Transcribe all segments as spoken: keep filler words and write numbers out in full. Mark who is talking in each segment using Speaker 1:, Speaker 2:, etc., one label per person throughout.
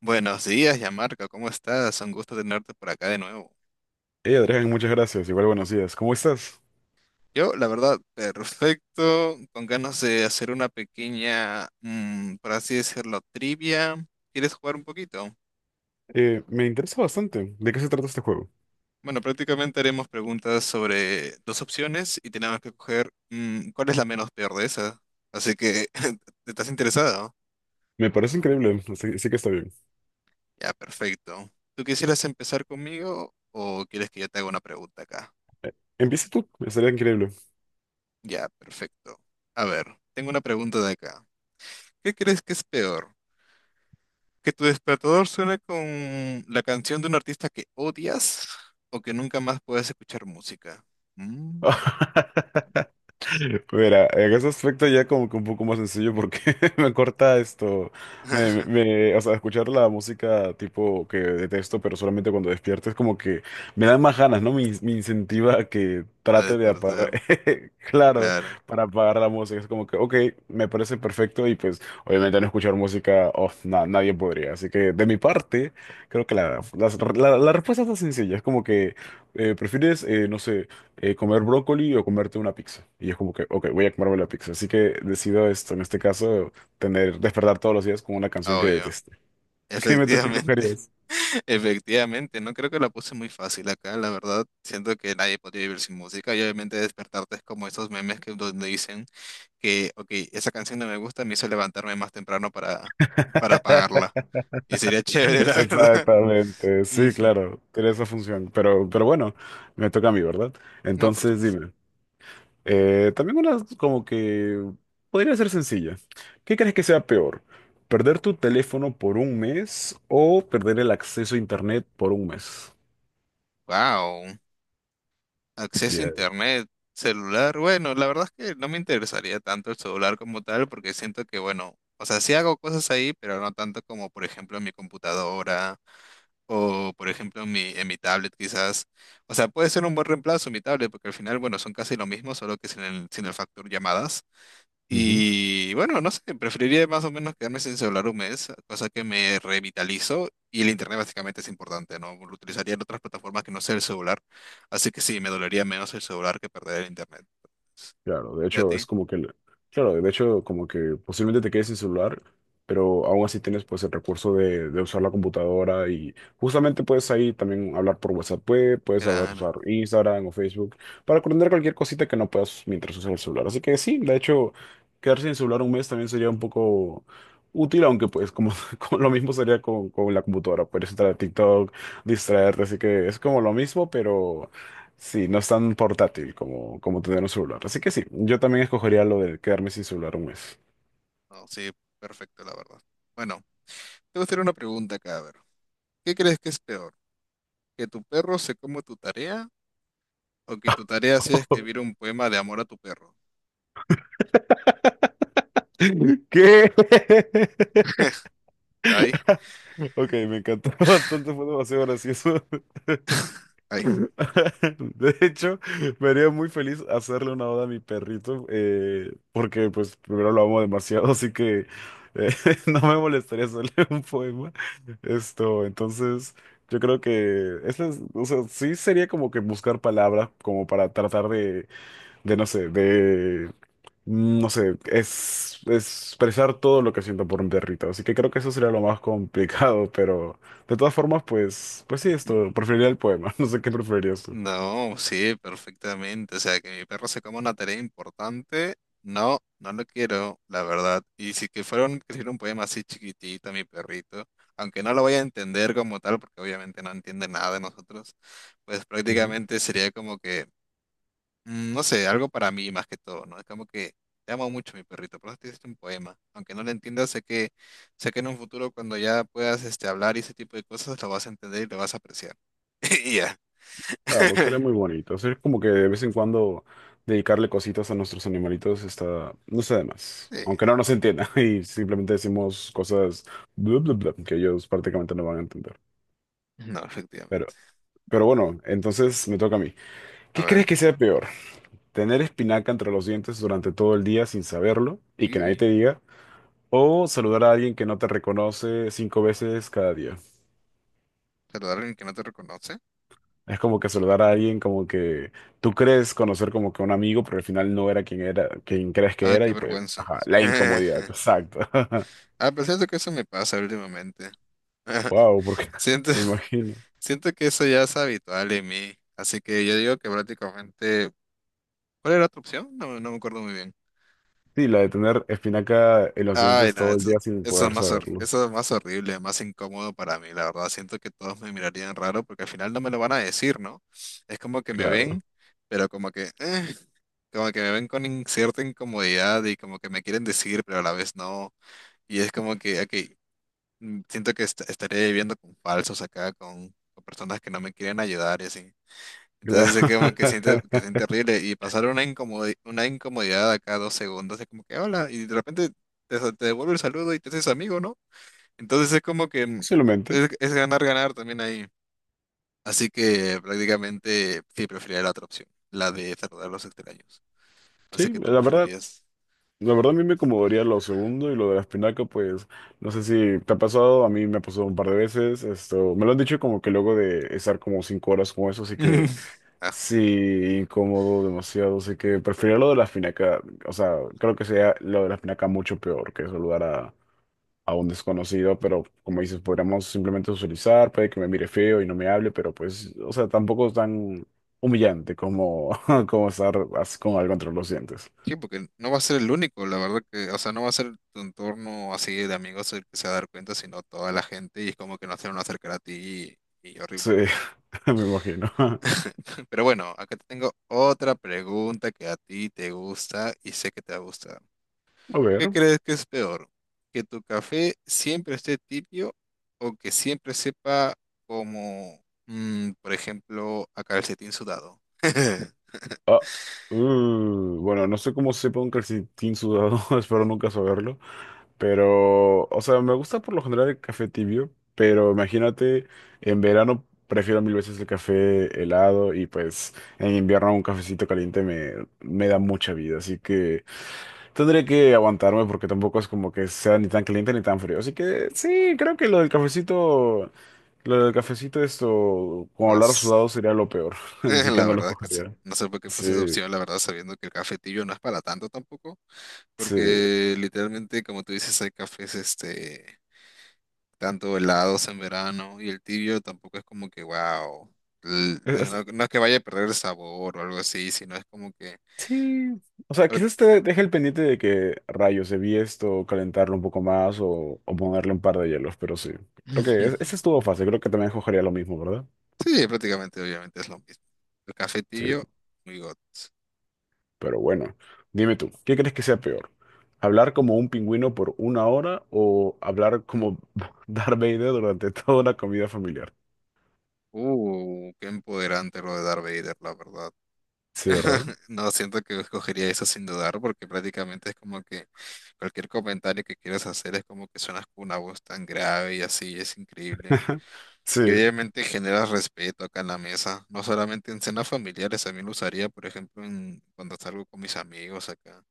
Speaker 1: Buenos días, Yamarca, ¿cómo estás? Un gusto tenerte por acá de nuevo.
Speaker 2: Eh, Adrián, muchas gracias. Igual buenos días. ¿Cómo estás?
Speaker 1: Yo, la verdad, perfecto, con ganas de hacer una pequeña, mm, por así decirlo, trivia. ¿Quieres jugar un poquito?
Speaker 2: Eh, me interesa bastante. ¿De qué se trata este juego?
Speaker 1: Bueno, prácticamente haremos preguntas sobre dos opciones y tenemos que coger mm, cuál es la menos peor de esas. Así que, ¿estás interesado?
Speaker 2: Me parece increíble. Así, así que está bien.
Speaker 1: Ya, perfecto. ¿Tú quisieras empezar conmigo o quieres que yo te haga una pregunta acá?
Speaker 2: Empieza tú. Estaría increíble.
Speaker 1: Ya, perfecto. A ver, tengo una pregunta de acá. ¿Qué crees que es peor? ¿Que tu despertador suene con la canción de un artista que odias o que nunca más puedas escuchar música? Mm.
Speaker 2: Mira, en ese aspecto ya como que un poco más sencillo porque me corta esto, me, me- me- o sea, escuchar la música tipo que detesto, pero solamente cuando despierto es como que me da más ganas, ¿no? Me, in- me incentiva a que
Speaker 1: A
Speaker 2: trate de
Speaker 1: despertar,
Speaker 2: apagar, claro,
Speaker 1: claro,
Speaker 2: para apagar la música. Es como que, ok, me parece perfecto y pues obviamente no escuchar música, oh, na- nadie podría. Así que de mi parte, creo que la, las- la, la respuesta está sencilla, es como que eh, prefieres, eh, no sé, eh, comer brócoli o comerte una pizza. Y es como que, ok, voy a comerme la pizza. Así que decido esto, en este caso, tener, despertar todos los días con una canción
Speaker 1: ah,
Speaker 2: que
Speaker 1: obvio.
Speaker 2: deteste. ¿Qué me toque
Speaker 1: Efectivamente,
Speaker 2: brujerías?
Speaker 1: efectivamente, no creo que la puse muy fácil acá, la verdad. Siento que nadie podría vivir sin música y obviamente despertarte es como esos memes que donde dicen que, ok, esa canción no me gusta, me hizo levantarme más temprano para, para apagarla. Y sería chévere, la verdad.
Speaker 2: Exactamente, sí,
Speaker 1: Ujú.
Speaker 2: claro, tiene esa función. Pero, pero bueno, me toca a mí, ¿verdad?
Speaker 1: No, por
Speaker 2: Entonces,
Speaker 1: supuesto.
Speaker 2: dime, eh, también una como que podría ser sencilla. ¿Qué crees que sea peor? ¿Perder tu teléfono por un mes o perder el acceso a internet por un mes?
Speaker 1: Wow, acceso a
Speaker 2: Ya.
Speaker 1: internet, celular. Bueno, la verdad es que no me interesaría tanto el celular como tal, porque siento que, bueno, o sea, sí hago cosas ahí, pero no tanto como, por ejemplo, en mi computadora o, por ejemplo, en mi, en mi tablet, quizás. O sea, puede ser un buen reemplazo mi tablet, porque al final, bueno, son casi lo mismo, solo que sin el, sin el factor llamadas. Y bueno, no sé, preferiría más o menos quedarme sin celular un mes, cosa que me revitalizo y el internet básicamente es importante, ¿no? Lo utilizaría en otras plataformas que no sea el celular, así que sí, me dolería menos el celular que perder el internet.
Speaker 2: Claro, de
Speaker 1: ¿Y a
Speaker 2: hecho
Speaker 1: ti?
Speaker 2: es como que, el- claro, de hecho como que posiblemente te quedes sin celular, pero aún así tienes pues el recurso de, de usar la computadora y justamente puedes ahí también hablar por WhatsApp, puede- puedes saber
Speaker 1: Claro,
Speaker 2: usar Instagram o Facebook para aprender cualquier cosita que no puedas mientras usas el celular. Así que sí, de hecho quedarse sin celular un mes también sería un poco útil, aunque pues como, como lo mismo sería con, con la computadora, puedes entrar a TikTok, distraerte, así que es como lo mismo, pero... Sí, no es tan portátil como, como tener un celular. Así que sí, yo también escogería lo de quedarme sin celular un mes.
Speaker 1: no, no, sí, perfecto, la verdad. Bueno, te voy a hacer una pregunta acá, a ver. ¿Qué crees que es peor? ¿Que tu perro se coma tu tarea o que tu tarea sea escribir un poema de amor a tu perro?
Speaker 2: ¿Qué?
Speaker 1: Ahí,
Speaker 2: Ok, me encantó bastante, fue demasiado gracioso.
Speaker 1: ahí.
Speaker 2: De hecho, me haría muy feliz hacerle una oda a mi perrito, eh, porque pues primero lo amo demasiado, así que eh, no me molestaría hacerle un poema. Esto, entonces, yo creo que esa es- o sea, sí sería como que buscar palabras como para tratar de, de no sé, de mm, No sé, es, es expresar todo lo que siento por un perrito, así que creo que eso sería lo más complicado, pero de todas formas, pues, pues, sí, esto, preferiría el poema, no sé qué preferirías tú.
Speaker 1: No, sí, perfectamente. O sea, que mi perro se coma una tarea importante, no, no lo quiero, la verdad. Y si que fuera un, que hiciera un poema así chiquitito, mi perrito, aunque no lo vaya a entender como tal, porque obviamente no entiende nada de nosotros, pues
Speaker 2: Ujú.
Speaker 1: prácticamente sería como que, mm, no sé, algo para mí más que todo, ¿no? Es como que te amo mucho, mi perrito, por eso te hiciste un poema. Aunque no lo entiendas, sé que, sé que en un futuro cuando ya puedas este, hablar y ese tipo de cosas, lo vas a entender y lo vas a apreciar. Y ya.
Speaker 2: Claro, sería muy bonito, es como que de vez en cuando dedicarle cositas a nuestros animalitos está, no sé de más,
Speaker 1: Sí.
Speaker 2: aunque no nos entienda y simplemente decimos cosas bla, bla, bla, que ellos prácticamente no van a entender,
Speaker 1: No,
Speaker 2: pero,
Speaker 1: efectivamente.
Speaker 2: pero bueno, entonces me toca a mí.
Speaker 1: A
Speaker 2: ¿Qué crees
Speaker 1: ver.
Speaker 2: que sea peor? ¿Tener espinaca entre los dientes durante todo el día sin saberlo y que nadie
Speaker 1: Y
Speaker 2: te diga, o saludar a alguien que no te reconoce cinco veces cada día?
Speaker 1: saludar a alguien que no te reconoce.
Speaker 2: Es como que saludar a alguien como que tú crees conocer como que un amigo, pero al final no era quien era, quien crees que
Speaker 1: Ah,
Speaker 2: era
Speaker 1: qué
Speaker 2: y pues,
Speaker 1: vergüenza.
Speaker 2: ajá, la incomodidad. Exacto.
Speaker 1: A pesar de que eso me pasa últimamente.
Speaker 2: Wow, porque
Speaker 1: Siento,
Speaker 2: me imagino.
Speaker 1: siento que eso ya es habitual en mí. Así que yo digo que prácticamente. ¿Cuál era tu opción? No, no me acuerdo muy bien.
Speaker 2: Sí, la de tener espinaca en los
Speaker 1: Ay,
Speaker 2: dientes
Speaker 1: no,
Speaker 2: todo el
Speaker 1: eso,
Speaker 2: día sin
Speaker 1: eso es
Speaker 2: poder
Speaker 1: más, hor-
Speaker 2: saberlo.
Speaker 1: eso es más horrible, más incómodo para mí, la verdad. Siento que todos me mirarían raro porque al final no me lo van a decir, ¿no? Es como que me ven,
Speaker 2: Claro,
Speaker 1: pero como que, eh, como que me ven con in- cierta incomodidad y como que me quieren decir, pero a la vez no. Y es como que, ok, mm, siento que est- estaré viviendo con falsos acá, con, con personas que no me quieren ayudar y así.
Speaker 2: claro.
Speaker 1: Entonces es como que siente, que siente horrible y pasar una incomodi- una incomodidad acá dos segundos es como que hola y de repente te, sa- te devuelve el saludo y te haces amigo, ¿no? Entonces es como que mm,
Speaker 2: Posiblemente.
Speaker 1: es, es ganar, ganar también ahí. Así que prácticamente sí preferiría la otra opción, la de saludar a los extraños. No sé
Speaker 2: Sí,
Speaker 1: qué tú
Speaker 2: la verdad.
Speaker 1: preferirías.
Speaker 2: La verdad a mí me acomodaría lo segundo y lo de la espinaca, pues no sé si te ha pasado, a mí me ha pasado un par de veces, esto, me lo han dicho como que luego de estar como cinco horas con eso, así que
Speaker 1: Ah,
Speaker 2: sí, incómodo demasiado, así que preferiría lo de la espinaca, o sea, creo que sería lo de la espinaca mucho peor que saludar a, a un desconocido, pero como dices, podríamos simplemente socializar, puede que me mire feo y no me hable, pero pues, o sea, tampoco es tan humillante como, como estar así con algo entre los dientes.
Speaker 1: sí, porque no va a ser el único, la verdad que, o sea, no va a ser tu entorno así de amigos el que se va a dar cuenta, sino toda la gente y es como que no se van a acercar a ti y, y
Speaker 2: Sí,
Speaker 1: horrible.
Speaker 2: me imagino.
Speaker 1: Pero bueno, acá te tengo otra pregunta que a ti te gusta y sé que te gusta.
Speaker 2: A
Speaker 1: ¿Qué
Speaker 2: ver.
Speaker 1: crees que es peor? ¿Que tu café siempre esté tibio o que siempre sepa como, mm, por ejemplo, a calcetín sudado?
Speaker 2: Ah, uh, bueno, no sé cómo sepa un calcetín sudado, espero nunca saberlo. Pero, o sea, me gusta por lo general el café tibio, pero imagínate, en verano prefiero mil veces el café helado y pues en invierno un cafecito caliente me, me da mucha vida. Así que tendré que aguantarme porque tampoco es como que sea ni tan caliente ni tan frío. Así que sí, creo que lo del cafecito lo del cafecito, esto, como
Speaker 1: No.
Speaker 2: hablar
Speaker 1: sé.
Speaker 2: sudado sería lo peor,
Speaker 1: Eh,
Speaker 2: así que
Speaker 1: la
Speaker 2: no lo
Speaker 1: verdad que sí.
Speaker 2: cogería.
Speaker 1: No sé por qué
Speaker 2: Sí,
Speaker 1: puse esa opción, la verdad, sabiendo que el cafetillo no es para tanto tampoco,
Speaker 2: sí.
Speaker 1: porque literalmente, como tú dices, hay cafés, este, tanto helados en verano y el tibio tampoco es como que, wow,
Speaker 2: Es- es-
Speaker 1: no, no es que vaya a perder el sabor o algo así, sino es como que...
Speaker 2: sí. O sea,
Speaker 1: prá-
Speaker 2: quizás te deje el pendiente de que rayos debí esto, calentarlo un poco más o, o ponerle un par de hielos, pero sí. Creo que es- ese estuvo fácil, creo que también cogería lo mismo, ¿verdad?
Speaker 1: Sí, prácticamente, obviamente es lo mismo. El café
Speaker 2: Sí,
Speaker 1: tibio, muy got.
Speaker 2: pero bueno, dime tú, ¿qué crees que sea peor? ¿Hablar como un pingüino por una hora o hablar como Darth Vader durante toda una comida familiar?
Speaker 1: Uh, qué empoderante lo de Darth Vader, la verdad.
Speaker 2: Sí, ¿verdad?
Speaker 1: No, siento que escogería eso sin dudar, porque prácticamente es como que cualquier comentario que quieras hacer es como que suenas con una voz tan grave y así, es increíble. Y
Speaker 2: Sí,
Speaker 1: obviamente generas respeto acá en la mesa, no solamente en cenas familiares, también lo usaría, por ejemplo, en, cuando salgo con mis amigos acá.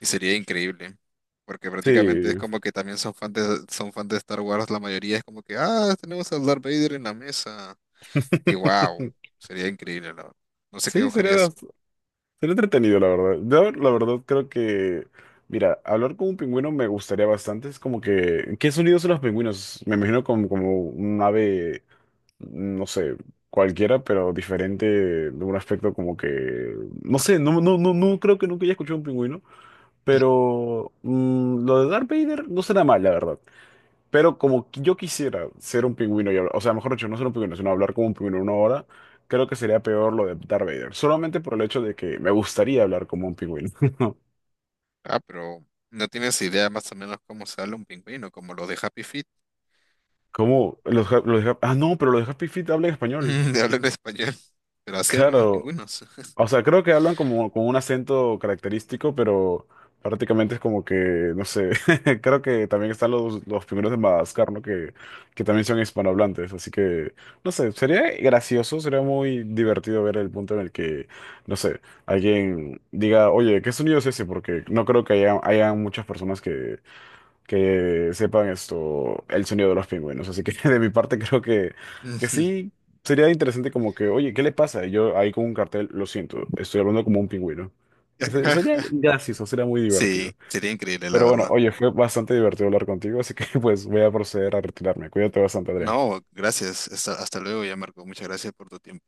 Speaker 1: Y sería increíble, porque prácticamente es
Speaker 2: sí,
Speaker 1: como que también son fans de, son fans de Star Wars, la mayoría es como que, ah, tenemos a Darth Vader en la mesa. Y wow, sería increíble, la verdad. No sé qué
Speaker 2: sí, sería,
Speaker 1: escogerías.
Speaker 2: bast- sería entretenido, la verdad. Yo, la verdad, creo que, mira, hablar con un pingüino me gustaría bastante. Es como que, ¿qué sonidos son los pingüinos? Me imagino como, como un ave, no sé, cualquiera, pero diferente de un aspecto como que, no sé, no, no, no, no creo que nunca haya escuchado un pingüino, pero mm, lo de Darth Vader no será mal, la verdad. Pero como que yo quisiera ser un pingüino y hablar, o sea, mejor dicho, no ser un pingüino, sino hablar como un pingüino una hora, creo que sería peor lo de Darth Vader. Solamente por el hecho de que me gustaría hablar como un pingüino.
Speaker 1: Ah, pero no tienes idea más o menos cómo sale un pingüino, como los de Happy Feet,
Speaker 2: ¿Cómo? Los, ja- los ja- ah, no, pero los de Happy Feet hablan español.
Speaker 1: de hablar en español. Pero así eran los
Speaker 2: Claro,
Speaker 1: pingüinos.
Speaker 2: o sea, creo que hablan como con un acento característico, pero prácticamente es como que, no sé, creo que también están los, los primeros de Madagascar, ¿no? Que, que también son hispanohablantes, así que, no sé, sería gracioso, sería muy divertido ver el punto en el que, no sé, alguien diga, oye, ¿qué sonido es ese? Porque no creo que haya, haya muchas personas que, que sepan esto, el sonido de los pingüinos. Así que de mi parte creo que, que
Speaker 1: Ujú.
Speaker 2: sí sería interesante como que, oye, ¿qué le pasa? Y yo ahí con un cartel, lo siento, estoy hablando como un pingüino. Se- Sería gracioso, sería muy divertido.
Speaker 1: Sí, sería increíble, la
Speaker 2: Pero bueno,
Speaker 1: verdad.
Speaker 2: oye, fue bastante divertido hablar contigo, así que pues voy a proceder a retirarme. Cuídate bastante, Adrián.
Speaker 1: No, gracias. Hasta, hasta luego ya, Marco. Muchas gracias por tu tiempo.